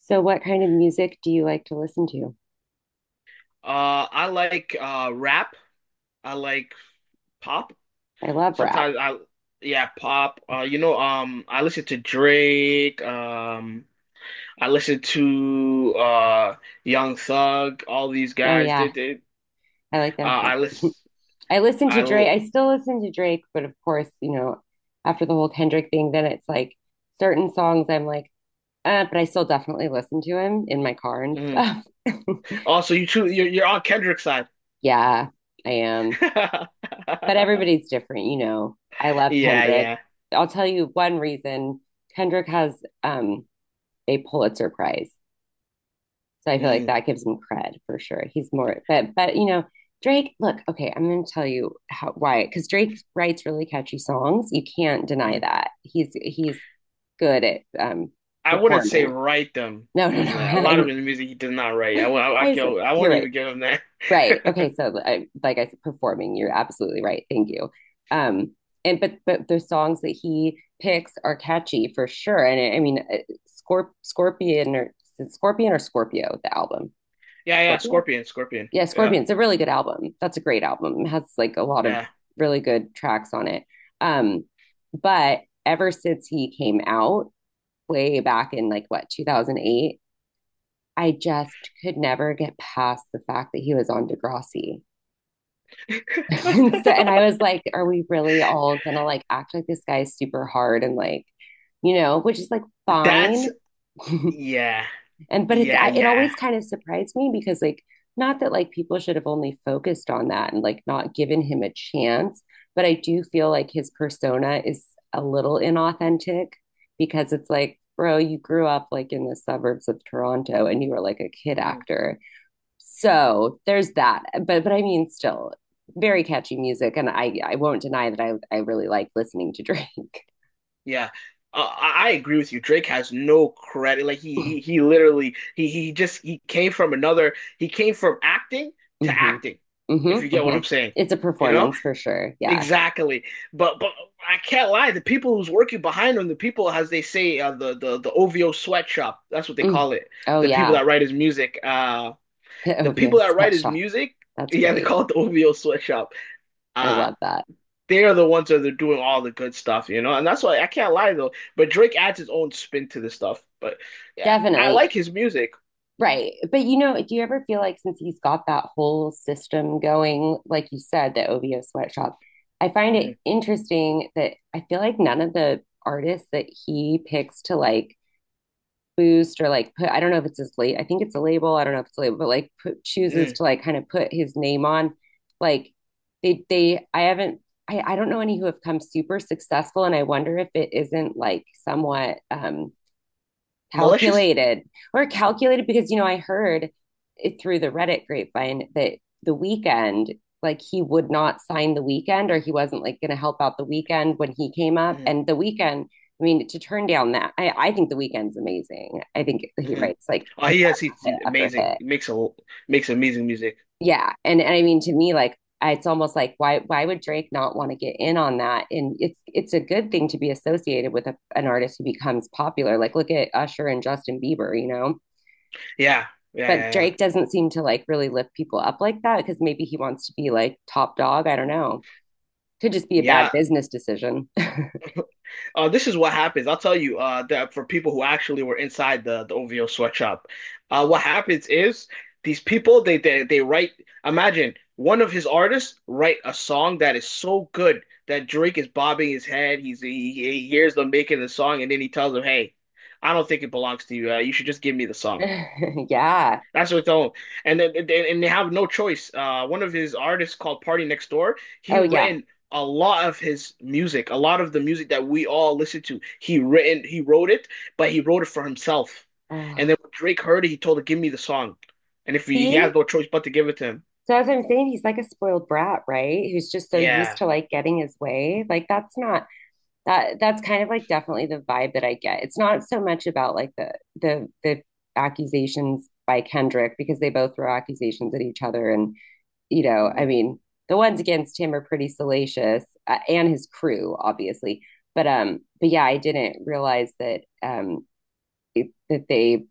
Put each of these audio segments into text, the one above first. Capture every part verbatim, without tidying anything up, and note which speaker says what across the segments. Speaker 1: So what kind of music do you like to listen to?
Speaker 2: Uh, I like uh rap. I like pop.
Speaker 1: I love rap.
Speaker 2: Sometimes I, yeah, pop. Uh, you know um I listen to Drake. Um, I listen to uh Young Thug. All these
Speaker 1: Oh
Speaker 2: guys. They
Speaker 1: yeah,
Speaker 2: they.
Speaker 1: I like
Speaker 2: Uh,
Speaker 1: them. Yeah.
Speaker 2: I listen.
Speaker 1: I listen
Speaker 2: I
Speaker 1: to Drake.
Speaker 2: l-
Speaker 1: I still listen to Drake, but of course, you know, after the whole Kendrick thing, then it's like certain songs I'm like, uh, but I still definitely listen to him in my car and
Speaker 2: Mm.
Speaker 1: stuff.
Speaker 2: Also, you too. You're you're on Kendrick's side.
Speaker 1: Yeah, I am. But everybody's different, you know. I love
Speaker 2: Yeah,
Speaker 1: Kendrick.
Speaker 2: yeah.
Speaker 1: I'll tell you one reason. Kendrick has um a Pulitzer Prize. So I feel like
Speaker 2: Mm,
Speaker 1: that gives him cred for sure. He's more, but but you know, Drake. Look, okay, I'm going to tell you how why because Drake writes really catchy songs. You can't deny
Speaker 2: mhm.
Speaker 1: that. He's he's good at um
Speaker 2: I wouldn't say
Speaker 1: performing.
Speaker 2: write them
Speaker 1: No, no, no.
Speaker 2: because uh, a
Speaker 1: I
Speaker 2: lot of his music he does not write. I, won't- I, I
Speaker 1: I said
Speaker 2: go. I
Speaker 1: you're
Speaker 2: won't
Speaker 1: right.
Speaker 2: even give him
Speaker 1: Right. Okay.
Speaker 2: that.
Speaker 1: So I, like I said, performing. You're absolutely right. Thank you. Um. And but but the songs that he picks are catchy for sure. And I mean, uh, Scorp Scorpion or Scorpion or Scorpio, the album.
Speaker 2: Yeah, yeah,
Speaker 1: Scorpio.
Speaker 2: Scorpion, Scorpion.
Speaker 1: Yeah,
Speaker 2: Yeah,
Speaker 1: Scorpions, a really good album. That's a great album. It has like a lot of
Speaker 2: yeah.
Speaker 1: really good tracks on it. Um, but ever since he came out way back in like what two thousand eight, I just could never get past the fact that he was on Degrassi. and, so, and I was like, are we really all gonna like act like this guy is super hard and like, you know, which is like
Speaker 2: That's
Speaker 1: fine,
Speaker 2: yeah,
Speaker 1: and but it's
Speaker 2: yeah,
Speaker 1: I, it
Speaker 2: yeah.
Speaker 1: always kind of surprised me because like not that like people should have only focused on that and like not given him a chance, but I do feel like his persona is a little inauthentic because it's like bro, you grew up like in the suburbs of Toronto and you were like a kid
Speaker 2: Mhm,
Speaker 1: actor. So there's that, but but I mean still very catchy music, and i i won't deny that i i really like listening to Drake.
Speaker 2: yeah. Uh, I I agree with you. Drake has no credit. Like he he, he literally he he just he came from another. He came from acting to
Speaker 1: Mm-hmm,
Speaker 2: acting. If you
Speaker 1: mm-hmm,
Speaker 2: get what
Speaker 1: mm-hmm.
Speaker 2: I'm saying,
Speaker 1: It's a
Speaker 2: you know
Speaker 1: performance for sure, yeah.
Speaker 2: exactly. But but I can't lie. The people who's working behind him, the people as they say, uh, the the the O V O sweatshop. That's what they
Speaker 1: Mm.
Speaker 2: call it.
Speaker 1: Oh
Speaker 2: The people
Speaker 1: yeah,
Speaker 2: that write his music. Uh,
Speaker 1: the
Speaker 2: the
Speaker 1: O V O
Speaker 2: people that write his
Speaker 1: sweatshop.
Speaker 2: music,
Speaker 1: That's
Speaker 2: yeah, they
Speaker 1: great.
Speaker 2: call it the O V O sweatshop.
Speaker 1: I
Speaker 2: Uh
Speaker 1: love that.
Speaker 2: they are the ones that are doing all the good stuff, you know, and that's why I can't lie though. But Drake adds his own spin to the stuff. But yeah, I
Speaker 1: Definitely.
Speaker 2: like his music.
Speaker 1: Right. But you know, do you ever feel like since he's got that whole system going, like you said, the O V O sweatshop, I find
Speaker 2: Mhm,
Speaker 1: it interesting that I feel like none of the artists that he picks to like boost or like put, I don't know if it's his late, I think it's a label, I don't know if it's a label, but like put, chooses
Speaker 2: mhm.
Speaker 1: to like kind of put his name on, like they they I haven't, I I don't know any who have come super successful, and I wonder if it isn't like somewhat um
Speaker 2: Malicious.
Speaker 1: calculated or calculated, because you know, I heard it through the Reddit grapevine that the Weekend, like he would not sign the Weekend, or he wasn't like going to help out the Weekend when he came up.
Speaker 2: Mhm,
Speaker 1: And the Weekend, I mean, to turn down that, I I think the Weekend's amazing. I think he
Speaker 2: mhm.
Speaker 1: writes like
Speaker 2: Oh,
Speaker 1: hit
Speaker 2: he has
Speaker 1: after
Speaker 2: he's, he's
Speaker 1: hit after
Speaker 2: amazing.
Speaker 1: hit.
Speaker 2: He makes a Makes amazing music.
Speaker 1: Yeah, and, and I mean, to me, like, it's almost like why why would Drake not want to get in on that? And it's it's a good thing to be associated with a, an artist who becomes popular. Like look at Usher and Justin Bieber, you know.
Speaker 2: Yeah, yeah,
Speaker 1: But
Speaker 2: yeah, yeah.
Speaker 1: Drake doesn't seem to like really lift people up like that, because maybe he wants to be like top dog. I don't know. Could just be a bad
Speaker 2: Yeah,
Speaker 1: business decision.
Speaker 2: Uh, this is what happens. I'll tell you uh, that for people who actually were inside the, the O V O sweatshop, uh, what happens is these people they, they they write. Imagine one of his artists write a song that is so good that Drake is bobbing his head. He's he, he hears them making the song, and then he tells them, "Hey, I don't think it belongs to you. Uh, you should just give me the song."
Speaker 1: Yeah.
Speaker 2: That's what's on, and then and and they have no choice. Uh, one of his artists called Party Next Door. He
Speaker 1: Oh, yeah.
Speaker 2: written a lot of his music, a lot of the music that we all listen to. He written, he wrote it, but he wrote it for himself. And then
Speaker 1: Oh.
Speaker 2: when Drake heard it, he told him, "Give me the song," and if he, he
Speaker 1: See?
Speaker 2: has no choice but to give it to him.
Speaker 1: So, as I'm saying, he's like a spoiled brat, right? Who's just so used
Speaker 2: Yeah.
Speaker 1: to like getting his way. Like, that's not that, that's kind of like definitely the vibe that I get. It's not so much about like the, the, the, accusations by Kendrick, because they both throw accusations at each other, and you know, I
Speaker 2: Mhm.
Speaker 1: mean, the ones against him are pretty salacious, uh, and his crew, obviously. But um, but yeah, I didn't realize that um it, that they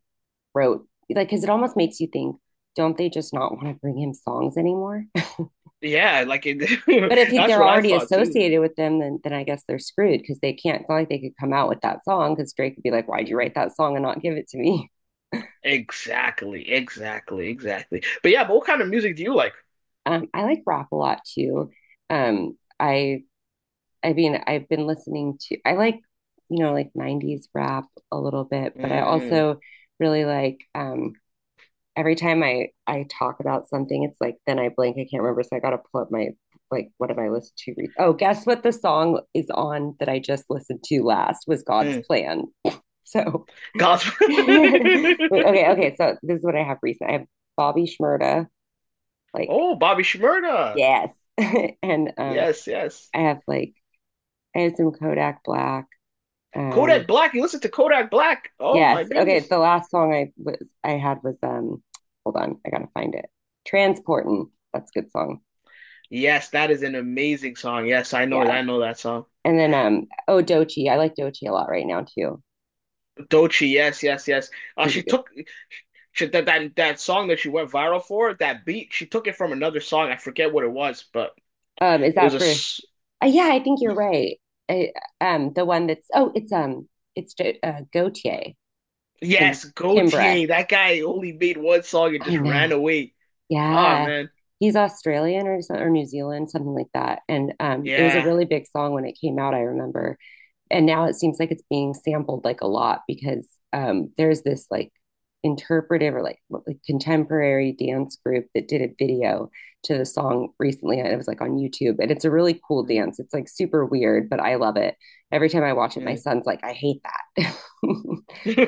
Speaker 1: wrote like, because it almost makes you think, don't they just not want to bring him songs anymore?
Speaker 2: Yeah, like it,
Speaker 1: But if he,
Speaker 2: that's
Speaker 1: they're
Speaker 2: what I
Speaker 1: already
Speaker 2: thought too.
Speaker 1: associated with them, then then I guess they're screwed because they can't. It's not like they could come out with that song because Drake could be like, why'd you write
Speaker 2: Mhm.
Speaker 1: that song and not give it to me?
Speaker 2: Exactly, exactly, exactly. But yeah, but what kind of music do you like?
Speaker 1: Um, I like rap a lot too. Um, I I mean, I've been listening to, I like, you know, like nineties rap a little bit, but I
Speaker 2: Mm,
Speaker 1: also really like, um, every time I, I talk about something, it's like, then I blank, I can't remember. So I got to pull up my, like, what have I listened to? Re- oh, guess what the song is on that I just listened to last was God's
Speaker 2: mm.
Speaker 1: Plan. So,
Speaker 2: Gospel.
Speaker 1: okay, okay. So this is what I have recent. I have Bobby Shmurda, like,
Speaker 2: Oh, Bobby Shmurda.
Speaker 1: yes. and, um,
Speaker 2: Yes, yes.
Speaker 1: I have like, I have some Kodak Black.
Speaker 2: Kodak
Speaker 1: Um,
Speaker 2: Black. You listen to Kodak Black. Oh my
Speaker 1: Yes. Okay.
Speaker 2: goodness.
Speaker 1: The last song I was I had was um hold on, I gotta find it. Transportin'. That's a good song.
Speaker 2: Yes, that is an amazing song. Yes, I know,
Speaker 1: Yeah.
Speaker 2: I know that song.
Speaker 1: And then um oh, Dochi. I like Dochi a lot right now too.
Speaker 2: Doechii. Yes, yes, yes. Uh,
Speaker 1: She's a
Speaker 2: she
Speaker 1: good,
Speaker 2: took she, that that that song that she went viral for. That beat. She took it from another song. I forget what it was, but
Speaker 1: um, is
Speaker 2: it was
Speaker 1: that
Speaker 2: a.
Speaker 1: for,
Speaker 2: s-
Speaker 1: uh, yeah, I think you're
Speaker 2: y-
Speaker 1: right. I, um the one that's oh it's um it's Do- uh, Gautier and
Speaker 2: yes,
Speaker 1: Kimbra.
Speaker 2: Gaultier. That guy only made one song and
Speaker 1: I
Speaker 2: just
Speaker 1: know.
Speaker 2: ran away. Oh
Speaker 1: Yeah.
Speaker 2: man.
Speaker 1: He's Australian or so- or New Zealand, something like that. And um it was a
Speaker 2: Yeah.
Speaker 1: really big song when it came out, I remember. And now it seems like it's being sampled like a lot because um, there's this like interpretive or like, like contemporary dance group that did a video to the song recently, and it was like on YouTube, and it's a really cool
Speaker 2: Mm,
Speaker 1: dance. It's like super weird, but I love it. Every time I watch it, my
Speaker 2: mm.
Speaker 1: son's like, I hate that.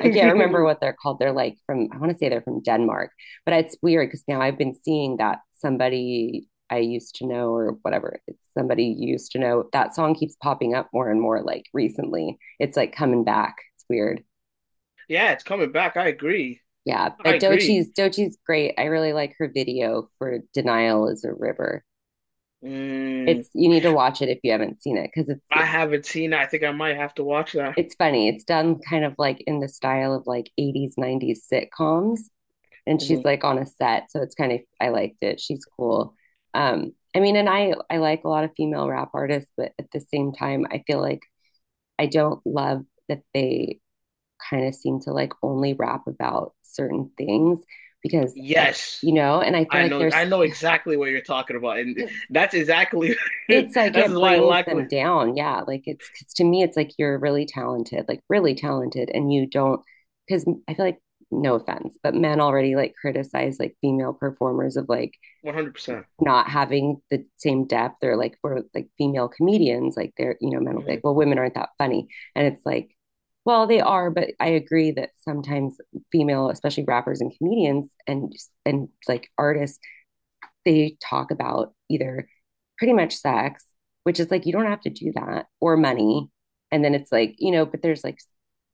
Speaker 1: I can't remember what they're called. They're like from, I want to say they're from Denmark, but it's weird because now I've been seeing that somebody I used to know or whatever. It's somebody you used to know. That song keeps popping up more and more like recently. It's like coming back. It's weird.
Speaker 2: Yeah, it's coming back. I agree.
Speaker 1: Yeah.
Speaker 2: I
Speaker 1: But
Speaker 2: agree.
Speaker 1: Dochi's Dochi's great. I really like her video for Denial is a River.
Speaker 2: Mm,
Speaker 1: It's, you need to watch it if you haven't seen it because
Speaker 2: I
Speaker 1: it's
Speaker 2: haven't seen it. I think I might have to watch that.
Speaker 1: it's funny. It's done kind of like in the style of like eighties, nineties sitcoms. And she's
Speaker 2: Mhm.
Speaker 1: like on a set. So it's kind of, I liked it. She's cool. Um, I mean, and I I like a lot of female rap artists, but at the same time, I feel like I don't love that they kind of seem to like only rap about certain things because I,
Speaker 2: Yes.
Speaker 1: you know, and I feel
Speaker 2: I
Speaker 1: like
Speaker 2: know I
Speaker 1: there's,
Speaker 2: know exactly what you're talking about. And
Speaker 1: because
Speaker 2: that's exactly
Speaker 1: it's like
Speaker 2: that's
Speaker 1: it
Speaker 2: why I
Speaker 1: brings
Speaker 2: like
Speaker 1: them down. Yeah. Like it's, because to me, it's like you're really talented, like really talented, and you don't, because I feel like, no offense, but men already like criticize like female performers of like
Speaker 2: one hundred percent.
Speaker 1: not having the same depth, or like for like female comedians, like they're, you know, men will be like,
Speaker 2: Hmm.
Speaker 1: well, women aren't that funny. And it's like, well, they are, but I agree that sometimes female, especially rappers and comedians and and like artists, they talk about either pretty much sex, which is like, you don't have to do that, or money. And then it's like, you know, but there's like,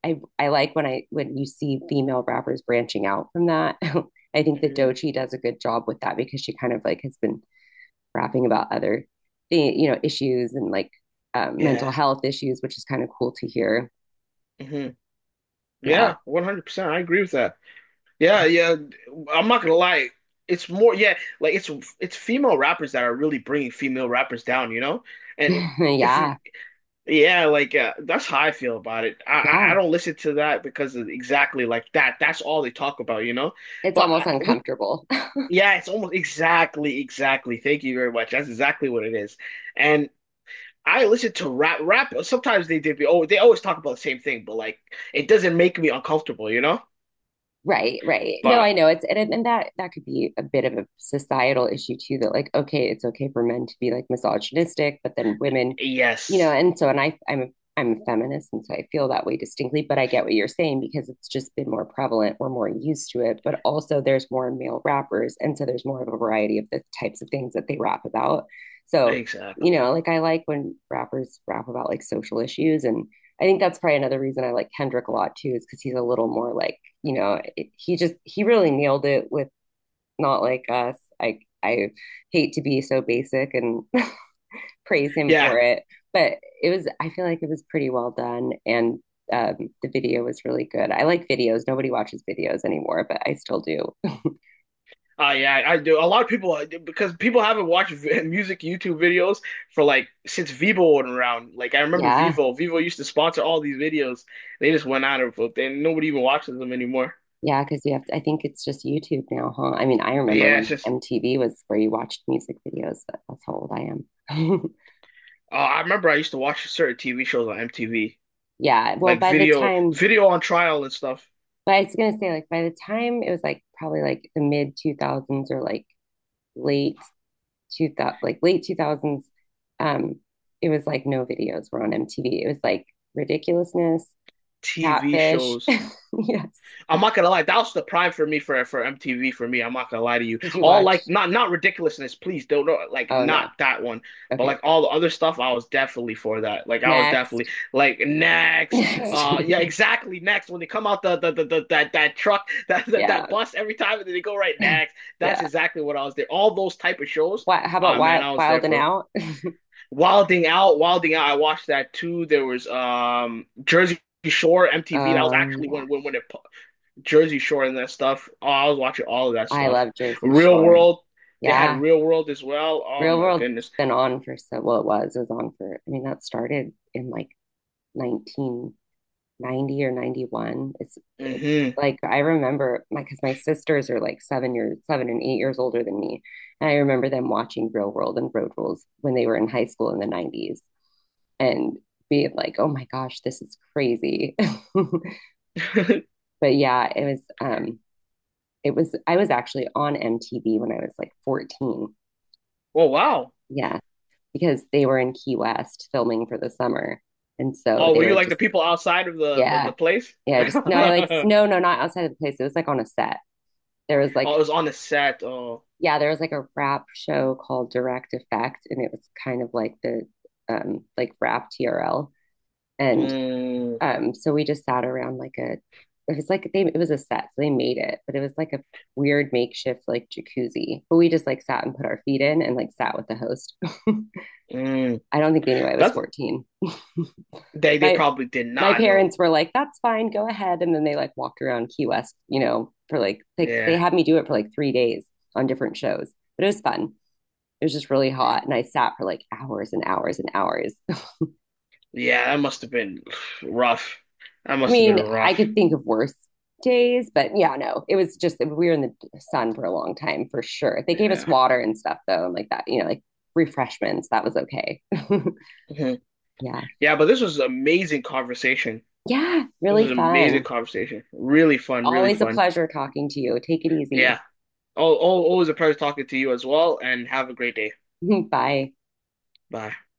Speaker 1: i i like when I when you see female rappers branching out from that. I think that
Speaker 2: Hmm.
Speaker 1: Dochi does a good job with that, because she kind of like has been rapping about other thing, you know, issues and like, uh, mental
Speaker 2: Yeah.
Speaker 1: health issues, which is kind of cool to hear.
Speaker 2: Hmm.
Speaker 1: Yeah,
Speaker 2: Yeah, one hundred percent. I agree with that. Yeah, yeah. I'm not gonna lie. It's more, yeah, like it's it's female rappers that are really bringing female rappers down, you know? And if
Speaker 1: yeah,
Speaker 2: Yeah, like uh, that's how I feel about it. I I I
Speaker 1: yeah.
Speaker 2: don't listen to that because of exactly like that. That's all they talk about, you know.
Speaker 1: It's
Speaker 2: But I,
Speaker 1: almost
Speaker 2: we,
Speaker 1: uncomfortable.
Speaker 2: yeah, it's almost exactly, exactly. Thank you very much. That's exactly what it is. And I listen to rap. Rap. Sometimes they did. Oh, they always talk about the same thing, but like it doesn't make me uncomfortable, you know.
Speaker 1: Right, right. No,
Speaker 2: But
Speaker 1: I know it's, and and that that could be a bit of a societal issue too, that like, okay, it's okay for men to be like misogynistic, but then women, you know.
Speaker 2: yes,
Speaker 1: And so and I I'm a I'm a feminist, and so I feel that way distinctly, but I get what you're saying because it's just been more prevalent. We're more used to it, but also there's more male rappers, and so there's more of a variety of the types of things that they rap about. So, you
Speaker 2: exactly.
Speaker 1: know, like I like when rappers rap about like social issues. And I think that's probably another reason I like Kendrick a lot too, is because he's a little more like, you know, it, he just he really nailed it with Not Like Us. I I hate to be so basic and praise him
Speaker 2: Yeah.
Speaker 1: for it, but it was, I feel like it was pretty well done, and um, the video was really good. I like videos. Nobody watches videos anymore, but I still do.
Speaker 2: Oh yeah, I do. A lot of people because people haven't watched v- music YouTube videos for like since Vivo went around. Like I remember
Speaker 1: Yeah.
Speaker 2: Vivo. Vivo used to sponsor all these videos. They just went out of it, and nobody even watches them anymore.
Speaker 1: Yeah, because you have to, I think it's just YouTube now, huh? I mean, I
Speaker 2: But
Speaker 1: remember
Speaker 2: yeah, it's
Speaker 1: when
Speaker 2: just.
Speaker 1: M T V was where you watched music videos. But that's how old I am.
Speaker 2: Uh, I remember I used to watch certain T V shows on M T V,
Speaker 1: Yeah. Well,
Speaker 2: like
Speaker 1: by the
Speaker 2: video,
Speaker 1: time,
Speaker 2: video on trial and stuff.
Speaker 1: but I was gonna say like by the time it was like probably like the mid two thousands or like late two thousand, like late two thousands. Um, it was like no videos were on M T V. It was like ridiculousness,
Speaker 2: T V
Speaker 1: catfish.
Speaker 2: shows.
Speaker 1: Yes.
Speaker 2: I'm not gonna lie, that was the prime for me for for M T V for me. I'm not gonna lie to you.
Speaker 1: Did you
Speaker 2: All like
Speaker 1: watch?
Speaker 2: not not ridiculousness, please don't know, like
Speaker 1: Oh
Speaker 2: not
Speaker 1: no.
Speaker 2: that one, but
Speaker 1: Okay.
Speaker 2: like all the other stuff, I was definitely for that. Like I was definitely
Speaker 1: Next.
Speaker 2: like next,
Speaker 1: Next.
Speaker 2: uh yeah, exactly next when they come out the the, the, the that that truck that, that
Speaker 1: Yeah.
Speaker 2: that bus every time and then they go right next. That's
Speaker 1: Yeah.
Speaker 2: exactly what I was there. All those type of shows,
Speaker 1: What? How about
Speaker 2: ah man,
Speaker 1: Wild,
Speaker 2: I was there
Speaker 1: Wild and
Speaker 2: for
Speaker 1: Out?
Speaker 2: Wilding Out, Wilding Out. I watched that too. There was um Jersey. Shore M T V. That was
Speaker 1: Oh
Speaker 2: actually
Speaker 1: yeah.
Speaker 2: when when when it Jersey Shore and that stuff. Oh, I was watching all of that
Speaker 1: I
Speaker 2: stuff.
Speaker 1: love Jersey
Speaker 2: Real
Speaker 1: Shore.
Speaker 2: World, they had
Speaker 1: Yeah.
Speaker 2: Real World as well. Oh
Speaker 1: Real
Speaker 2: my
Speaker 1: World's
Speaker 2: goodness.
Speaker 1: been on for so, well it was. It was on for, I mean, that started in like nineteen ninety or ninety-one. It's it,
Speaker 2: Hmm.
Speaker 1: like I remember my, because my sisters are like seven years, seven and eight years older than me. And I remember them watching Real World and Road Rules when they were in high school in the nineties and being like, oh my gosh, this is crazy. But yeah, it was um it was, I was actually on M T V when I was like fourteen.
Speaker 2: Oh wow.
Speaker 1: Yeah, because they were in Key West filming for the summer. And so
Speaker 2: Oh, were
Speaker 1: they
Speaker 2: you
Speaker 1: were
Speaker 2: like the
Speaker 1: just
Speaker 2: people outside of the the, the
Speaker 1: yeah,
Speaker 2: place?
Speaker 1: yeah, just no, I like no, no, not outside of the place. It was like on a set. There was
Speaker 2: Oh,
Speaker 1: like,
Speaker 2: it was on the set. Oh,
Speaker 1: yeah, there was like a rap show called Direct Effect, and it was kind of like the um like rap T R L. And
Speaker 2: mm,
Speaker 1: um so we just sat around like a, it was like they, it was a set, so they made it, but it was like a weird makeshift like jacuzzi. But we just like sat and put our feet in and like sat with the host.
Speaker 2: mm.
Speaker 1: I don't think they knew I was
Speaker 2: That's
Speaker 1: fourteen.
Speaker 2: they they
Speaker 1: My
Speaker 2: probably did
Speaker 1: my
Speaker 2: not know.
Speaker 1: parents were like, that's fine, go ahead. And then they like walked around Key West, you know, for like, like they
Speaker 2: Yeah,
Speaker 1: had me do it for like three days on different shows. But it was fun. It was just really hot. And I sat for like hours and hours and hours.
Speaker 2: yeah. That must have been rough. That
Speaker 1: I
Speaker 2: must have been
Speaker 1: mean, I
Speaker 2: rough.
Speaker 1: could think of worse days, but yeah, no, it was just, we were in the sun for a long time for sure. They gave us
Speaker 2: Yeah.
Speaker 1: water and stuff though, and like that, you know, like refreshments. That was okay.
Speaker 2: Mhm.
Speaker 1: Yeah.
Speaker 2: Yeah, but this was amazing conversation.
Speaker 1: Yeah.
Speaker 2: This
Speaker 1: Really
Speaker 2: was an amazing
Speaker 1: fun.
Speaker 2: conversation. Really fun, really
Speaker 1: Always a
Speaker 2: fun.
Speaker 1: pleasure talking to you. Take it easy.
Speaker 2: Yeah. Oh, oh, always a pleasure talking to you as well, and have a great day.
Speaker 1: Bye.
Speaker 2: Bye.